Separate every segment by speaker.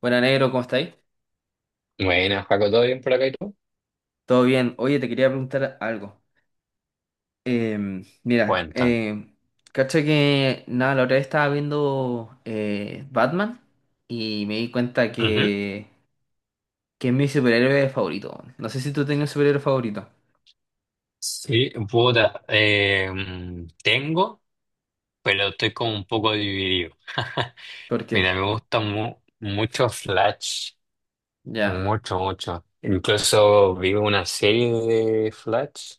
Speaker 1: Buena negro, ¿cómo estáis?
Speaker 2: Buenas, Paco, ¿todo bien por acá y tú?
Speaker 1: ¿Todo bien? Oye, te quería preguntar algo. Mira,
Speaker 2: Cuentan.
Speaker 1: cacha que nada, la otra vez estaba viendo Batman y me di cuenta
Speaker 2: Ujú.
Speaker 1: que es mi superhéroe favorito. Weón. No sé si tú tenías un superhéroe favorito.
Speaker 2: Sí, puta, tengo, pero estoy como un poco dividido.
Speaker 1: ¿Por qué?
Speaker 2: Mira, me gusta mucho Flash,
Speaker 1: Ya,
Speaker 2: mucho, mucho. Incluso vi una serie de Flash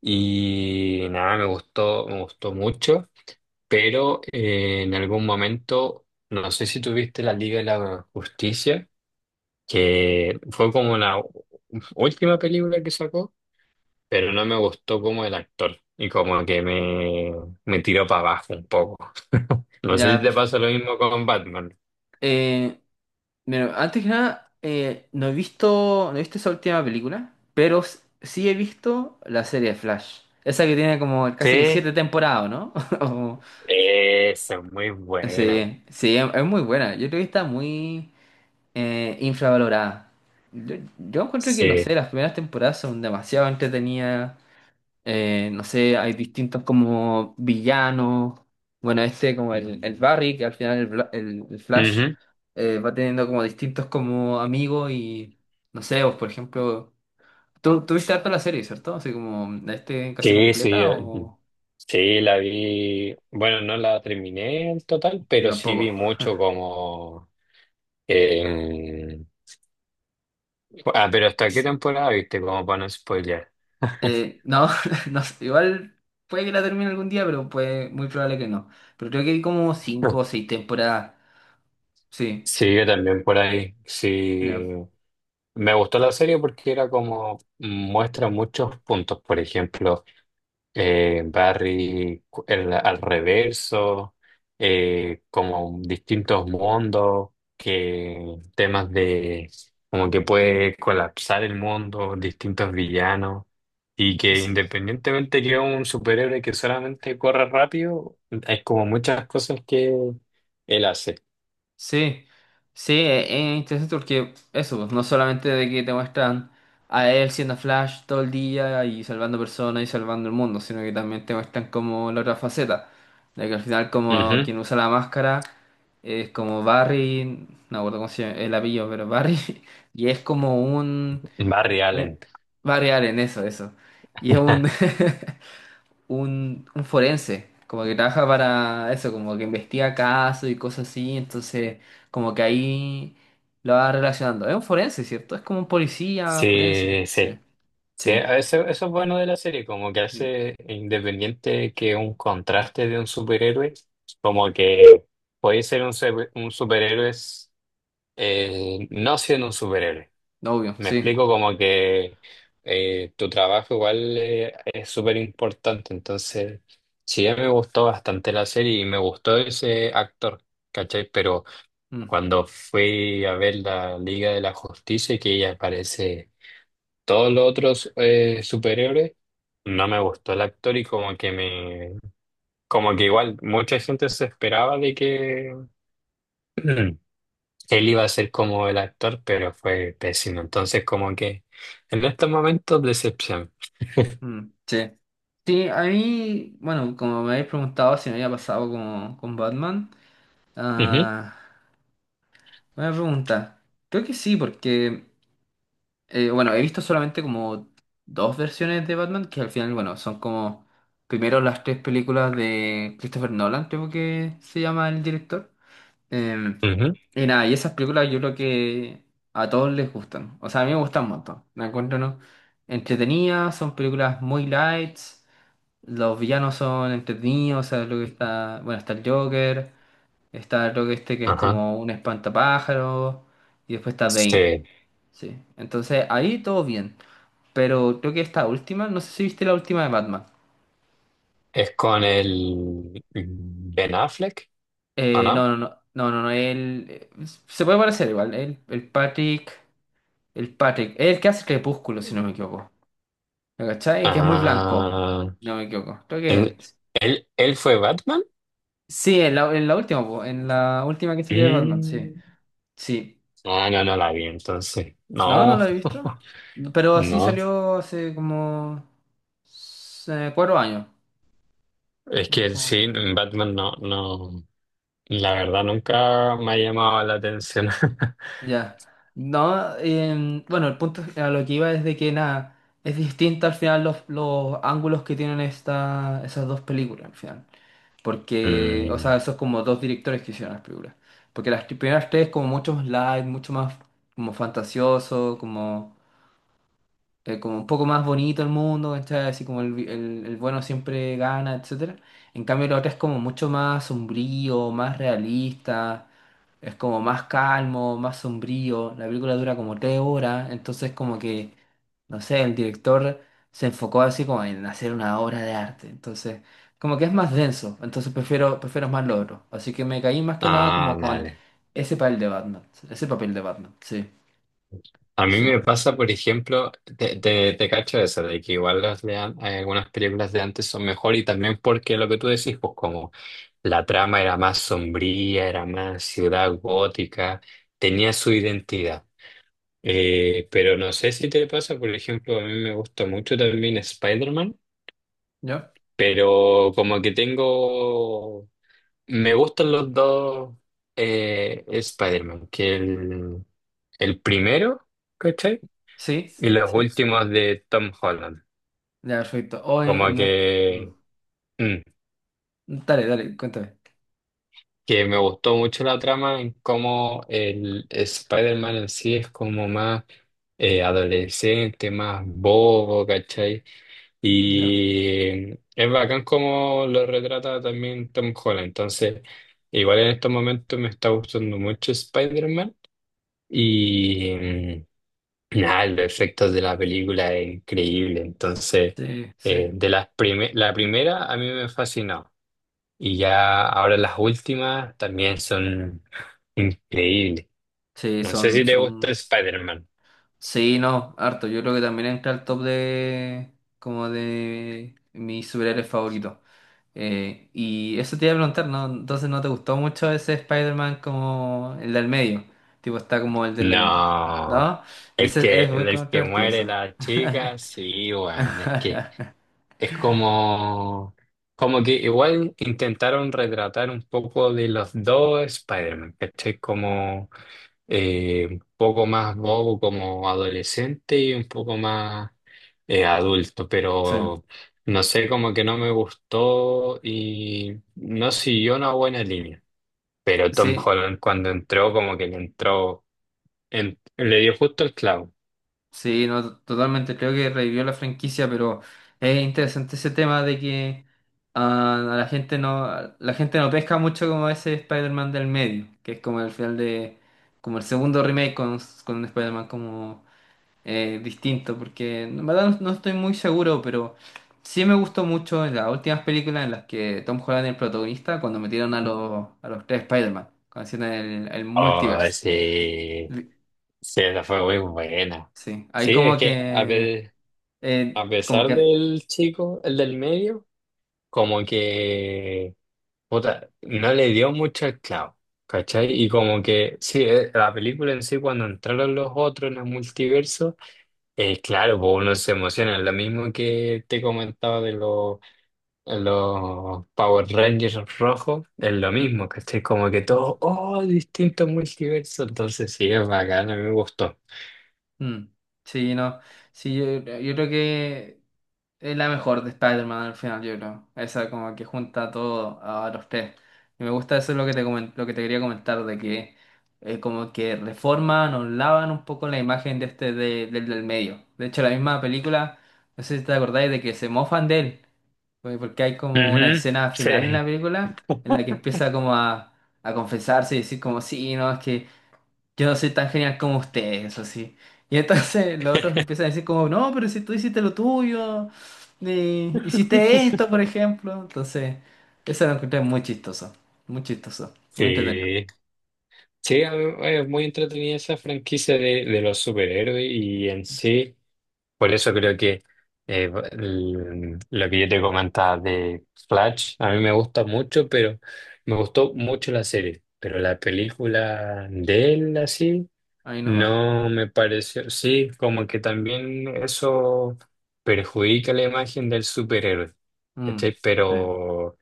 Speaker 2: y nada, me gustó mucho, pero en algún momento, no sé si tuviste la Liga de la Justicia, que fue como la última película que sacó, pero no me gustó como el actor y me tiró para abajo un poco. No sé si
Speaker 1: ya.
Speaker 2: te pasa lo mismo con Batman.
Speaker 1: Eh, Mira, antes que nada, no he visto esa última película, pero sí he visto la serie de Flash. Esa que tiene como casi que
Speaker 2: Sí.
Speaker 1: siete temporadas, ¿no?
Speaker 2: Esa es muy buena.
Speaker 1: Sí, sí, es muy buena. Yo creo que está muy infravalorada. Yo encuentro que, no
Speaker 2: Sí.
Speaker 1: sé, las primeras temporadas son demasiado entretenidas. No sé, hay distintos como villanos. Bueno, este como el Barry, que al final el Flash
Speaker 2: Ujú.
Speaker 1: va teniendo como distintos como amigos y, no sé, vos, por ejemplo, ¿tú viste harto la serie, cierto? Así como, ¿la este casi
Speaker 2: Sí, sí,
Speaker 1: completa o
Speaker 2: sí, la vi. Bueno, no la terminé en total,
Speaker 1: yo
Speaker 2: pero sí
Speaker 1: tampoco?
Speaker 2: vi mucho como... eh, pero ¿hasta qué temporada viste? Como para no spoilear.
Speaker 1: No, no sé, igual puede que la termine algún día, pero muy probable que no. Pero creo que hay como cinco o seis temporadas. Sí,
Speaker 2: Sí, yo también por ahí. Sí,
Speaker 1: ya.
Speaker 2: me gustó la serie porque era como muestra muchos puntos, por ejemplo, Barry al reverso, como distintos mundos, que temas de como que puede colapsar el mundo, distintos villanos, y que
Speaker 1: S-
Speaker 2: independientemente que es un superhéroe que solamente corre rápido, hay como muchas cosas que él hace.
Speaker 1: Sí, sí, es interesante porque eso, pues, no solamente de que te muestran a él siendo Flash todo el día y salvando personas y salvando el mundo, sino que también te muestran como la otra faceta, de que al final como quien usa la máscara es como Barry, no me acuerdo cómo se llama el apellido, pero Barry, y es como un
Speaker 2: Barry
Speaker 1: un-
Speaker 2: Allen.
Speaker 1: variar en eso, eso. Y es un, un forense, como que trabaja para eso, como que investiga casos y cosas así, entonces como que ahí lo va relacionando. Es un forense, ¿cierto? Es como un policía forense,
Speaker 2: Sí, sí.
Speaker 1: sí,
Speaker 2: Sí,
Speaker 1: sí.
Speaker 2: eso es bueno de la serie, como que
Speaker 1: Mm,
Speaker 2: hace independiente que un contraste de un superhéroe, como que puede ser un superhéroe, no siendo un superhéroe.
Speaker 1: obvio,
Speaker 2: Me
Speaker 1: sí.
Speaker 2: explico como que tu trabajo igual es súper importante, entonces sí, me gustó bastante la serie y me gustó ese actor, ¿cachai? Pero...
Speaker 1: Mm,
Speaker 2: Cuando fui a ver la Liga de la Justicia, que ella aparece todos los otros superhéroes, no me gustó el actor y como que igual mucha gente se esperaba de que él iba a ser como el actor, pero fue pésimo. Entonces como que en estos momentos decepción.
Speaker 1: mm, sí. Sí, a mí, bueno, como me habéis preguntado si me había pasado como con Batman,
Speaker 2: Ujú,
Speaker 1: ah, buena pregunta. Creo que sí, porque... Bueno, he visto solamente como dos versiones de Batman que al final, bueno, son como primero las tres películas de Christopher Nolan, creo que se llama el director. Eh,
Speaker 2: ujú,
Speaker 1: y nada, y esas películas yo creo que a todos les gustan. O sea, a mí me gustan un montón. Me encuentro, ¿no? entretenidas, son películas muy lights, los villanos son entretenidos, o sea, lo que está, bueno, está el Joker, está lo que este que es
Speaker 2: ajá.
Speaker 1: como un espantapájaro, y después está Bane.
Speaker 2: Sí,
Speaker 1: Sí, entonces ahí todo bien. Pero creo que esta última, no sé si viste la última de Batman.
Speaker 2: es con el Ben Affleck, ¿o no?
Speaker 1: No, no, no, no, no, no, él se puede parecer igual, el Patrick, el Patrick, el que hace Crepúsculo, si no me equivoco. ¿Me cachai? Que es muy blanco,
Speaker 2: Ah,
Speaker 1: no me equivoco. Creo que él.
Speaker 2: ¿él, él fue Batman?
Speaker 1: Sí, en la última, po, en la última que salió de Batman, sí.
Speaker 2: Mm.
Speaker 1: Sí.
Speaker 2: Ah, no, no la vi entonces.
Speaker 1: No, no
Speaker 2: No,
Speaker 1: la he visto. No, pero así
Speaker 2: no.
Speaker 1: salió hace como 4 años.
Speaker 2: Es
Speaker 1: Es
Speaker 2: que
Speaker 1: como-
Speaker 2: sí, Batman no, no. La verdad nunca me ha llamado la atención.
Speaker 1: Ya. No, bueno, el punto a lo que iba es de que nada, es distinta al final los ángulos que tienen esas dos películas, al final. Porque, o sea,
Speaker 2: Mm.
Speaker 1: esos como dos directores que hicieron las películas. Porque las primeras tres como mucho más light, mucho más como fantasioso, como un poco más bonito el mundo, ¿cachai? Así como el bueno siempre gana, etcétera. En cambio, la otra es como mucho más sombrío, más realista, es como más calmo, más sombrío. La película dura como 3 horas, entonces como que, no sé, el director se enfocó así como en hacer una obra de arte. Entonces, como que es más denso, entonces prefiero más lo otro. Así que me caí más que nada
Speaker 2: Ah,
Speaker 1: como con
Speaker 2: vale.
Speaker 1: ese papel de Batman, ese papel de Batman, sí,
Speaker 2: A mí
Speaker 1: sí.
Speaker 2: me pasa, por ejemplo, te cacho eso, de que igual las de algunas películas de antes son mejor y también porque lo que tú decís, pues como la trama era más sombría, era más ciudad gótica, tenía su identidad. Pero no sé si te pasa, por ejemplo, a mí me gusta mucho también Spider-Man,
Speaker 1: ¿Yo?
Speaker 2: pero como que tengo, me gustan los dos Spider-Man, el primero, ¿cachai?
Speaker 1: Sí.
Speaker 2: Y los
Speaker 1: Sí.
Speaker 2: últimos de Tom Holland.
Speaker 1: Ya, perfecto. O
Speaker 2: Como
Speaker 1: en no-
Speaker 2: que,
Speaker 1: Mm.
Speaker 2: mm,
Speaker 1: Dale, dale, cuéntame.
Speaker 2: que me gustó mucho la trama en cómo el Spider-Man en sí es como más adolescente, más bobo, ¿cachai?
Speaker 1: Ya.
Speaker 2: Y es bacán como lo retrata también Tom Holland. Entonces, igual en estos momentos me está gustando mucho Spider-Man. Y nada, los efectos de la película es increíble. Entonces,
Speaker 1: Sí, sí.
Speaker 2: la primera a mí me fascinó. Y ya ahora las últimas también son increíbles.
Speaker 1: Sí,
Speaker 2: No sé si
Speaker 1: son,
Speaker 2: te gusta
Speaker 1: son.
Speaker 2: Spider-Man.
Speaker 1: Sí, no, harto. Yo creo que también entra al top de, como de mis superhéroes favoritos. Y eso te iba a preguntar, ¿no? Entonces no te gustó mucho ese Spider-Man como el del medio. Tipo, está como el del.
Speaker 2: No.
Speaker 1: ¿No? Ese es muy
Speaker 2: El que
Speaker 1: controvertido
Speaker 2: muere
Speaker 1: eso.
Speaker 2: la chica, sí, weón, es que... Es como, como que igual intentaron retratar un poco de los dos Spider-Man, ¿cachai? Como un poco más bobo como adolescente y un poco más adulto,
Speaker 1: Sí.
Speaker 2: pero no sé, como que no me gustó y no siguió una buena línea. Pero Tom
Speaker 1: Sí.
Speaker 2: Holland cuando entró, como que le entró, le dio justo el clavo.
Speaker 1: Sí, no, totalmente. Creo que revivió la franquicia, pero es interesante ese tema de que a la gente no pesca mucho como ese Spider-Man del medio, que es como el final de, como el segundo remake con un Spider-Man como distinto, porque en verdad no estoy muy seguro, pero sí me gustó mucho en las últimas películas en las que Tom Holland es el protagonista, cuando metieron a los tres Spider-Man, cuando hicieron el
Speaker 2: Oh,
Speaker 1: multiverse.
Speaker 2: sí, sí, esa fue muy buena.
Speaker 1: Sí, ahí
Speaker 2: Sí, es
Speaker 1: como
Speaker 2: que a
Speaker 1: que
Speaker 2: ver.
Speaker 1: eh,
Speaker 2: A
Speaker 1: como
Speaker 2: pesar
Speaker 1: que
Speaker 2: del chico, el del medio, como que puta, no le dio mucho el clavo, ¿cachai? Y como que, sí, la película en sí, cuando entraron los otros en el multiverso, claro, pues uno se emociona, lo mismo que te comentaba de los Power Rangers rojos, es lo mismo, ¿cachai? Como que todos, oh, distintos multiversos, entonces sí, es bacán, a mí me gustó.
Speaker 1: Ujú. Sí, no. Sí, yo creo que es la mejor de Spider-Man al final, yo creo. Esa como que junta todo a los tres. Y me gusta eso es lo que te quería comentar, de que como que reforman o lavan un poco la imagen de este del medio. De hecho, la misma película, no sé si te acordáis de que se mofan de él. Pues porque hay como una
Speaker 2: Ujú,
Speaker 1: escena final en
Speaker 2: sí.
Speaker 1: la película en la que empieza como a confesarse y decir como sí, no, es que yo no soy tan genial como ustedes eso sí. Y entonces los otros le empiezan a decir como, no, pero si tú hiciste lo tuyo, hiciste esto, por ejemplo. Entonces, eso lo encontré muy chistoso, muy chistoso, muy entretenido.
Speaker 2: Sí. Sí, es muy entretenida esa franquicia de los superhéroes y en sí, por eso creo que lo que yo te comentaba de Flash, a mí me gusta mucho, pero me gustó mucho la serie, pero la película de él así
Speaker 1: Ahí nomás.
Speaker 2: no me pareció, sí, como que también eso perjudica la imagen del superhéroe,
Speaker 1: Mm,
Speaker 2: ¿cachai?
Speaker 1: sí.
Speaker 2: Pero...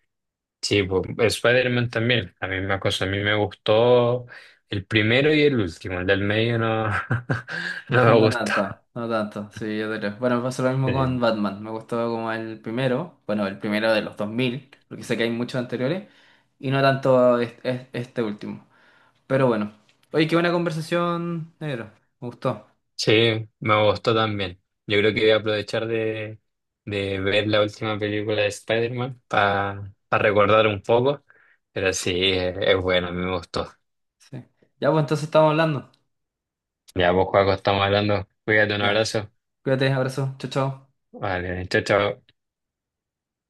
Speaker 2: Sí, pues, Spider-Man también, la misma cosa. A mí me gustó el primero y el último, el del medio no, no me
Speaker 1: No
Speaker 2: gustó.
Speaker 1: tanto, no tanto, sí, yo creo. Bueno, me pasó lo mismo con
Speaker 2: Sí.
Speaker 1: Batman, me gustó como el primero, bueno, el primero de los 2000 porque sé que hay muchos anteriores, y no tanto este último. Pero bueno, oye, qué buena conversación, negro, me gustó.
Speaker 2: Sí, me gustó también. Yo creo
Speaker 1: Sí.
Speaker 2: que voy a aprovechar de ver la última película de Spider-Man para recordar un poco, pero sí, es bueno, a mí me gustó.
Speaker 1: Sí. Ya, pues entonces estamos hablando.
Speaker 2: Ya, pues, Juaco, estamos hablando. Cuídate, un
Speaker 1: Ya.
Speaker 2: abrazo.
Speaker 1: Cuídate, abrazo. Chao, chao.
Speaker 2: Vale, chao, chao.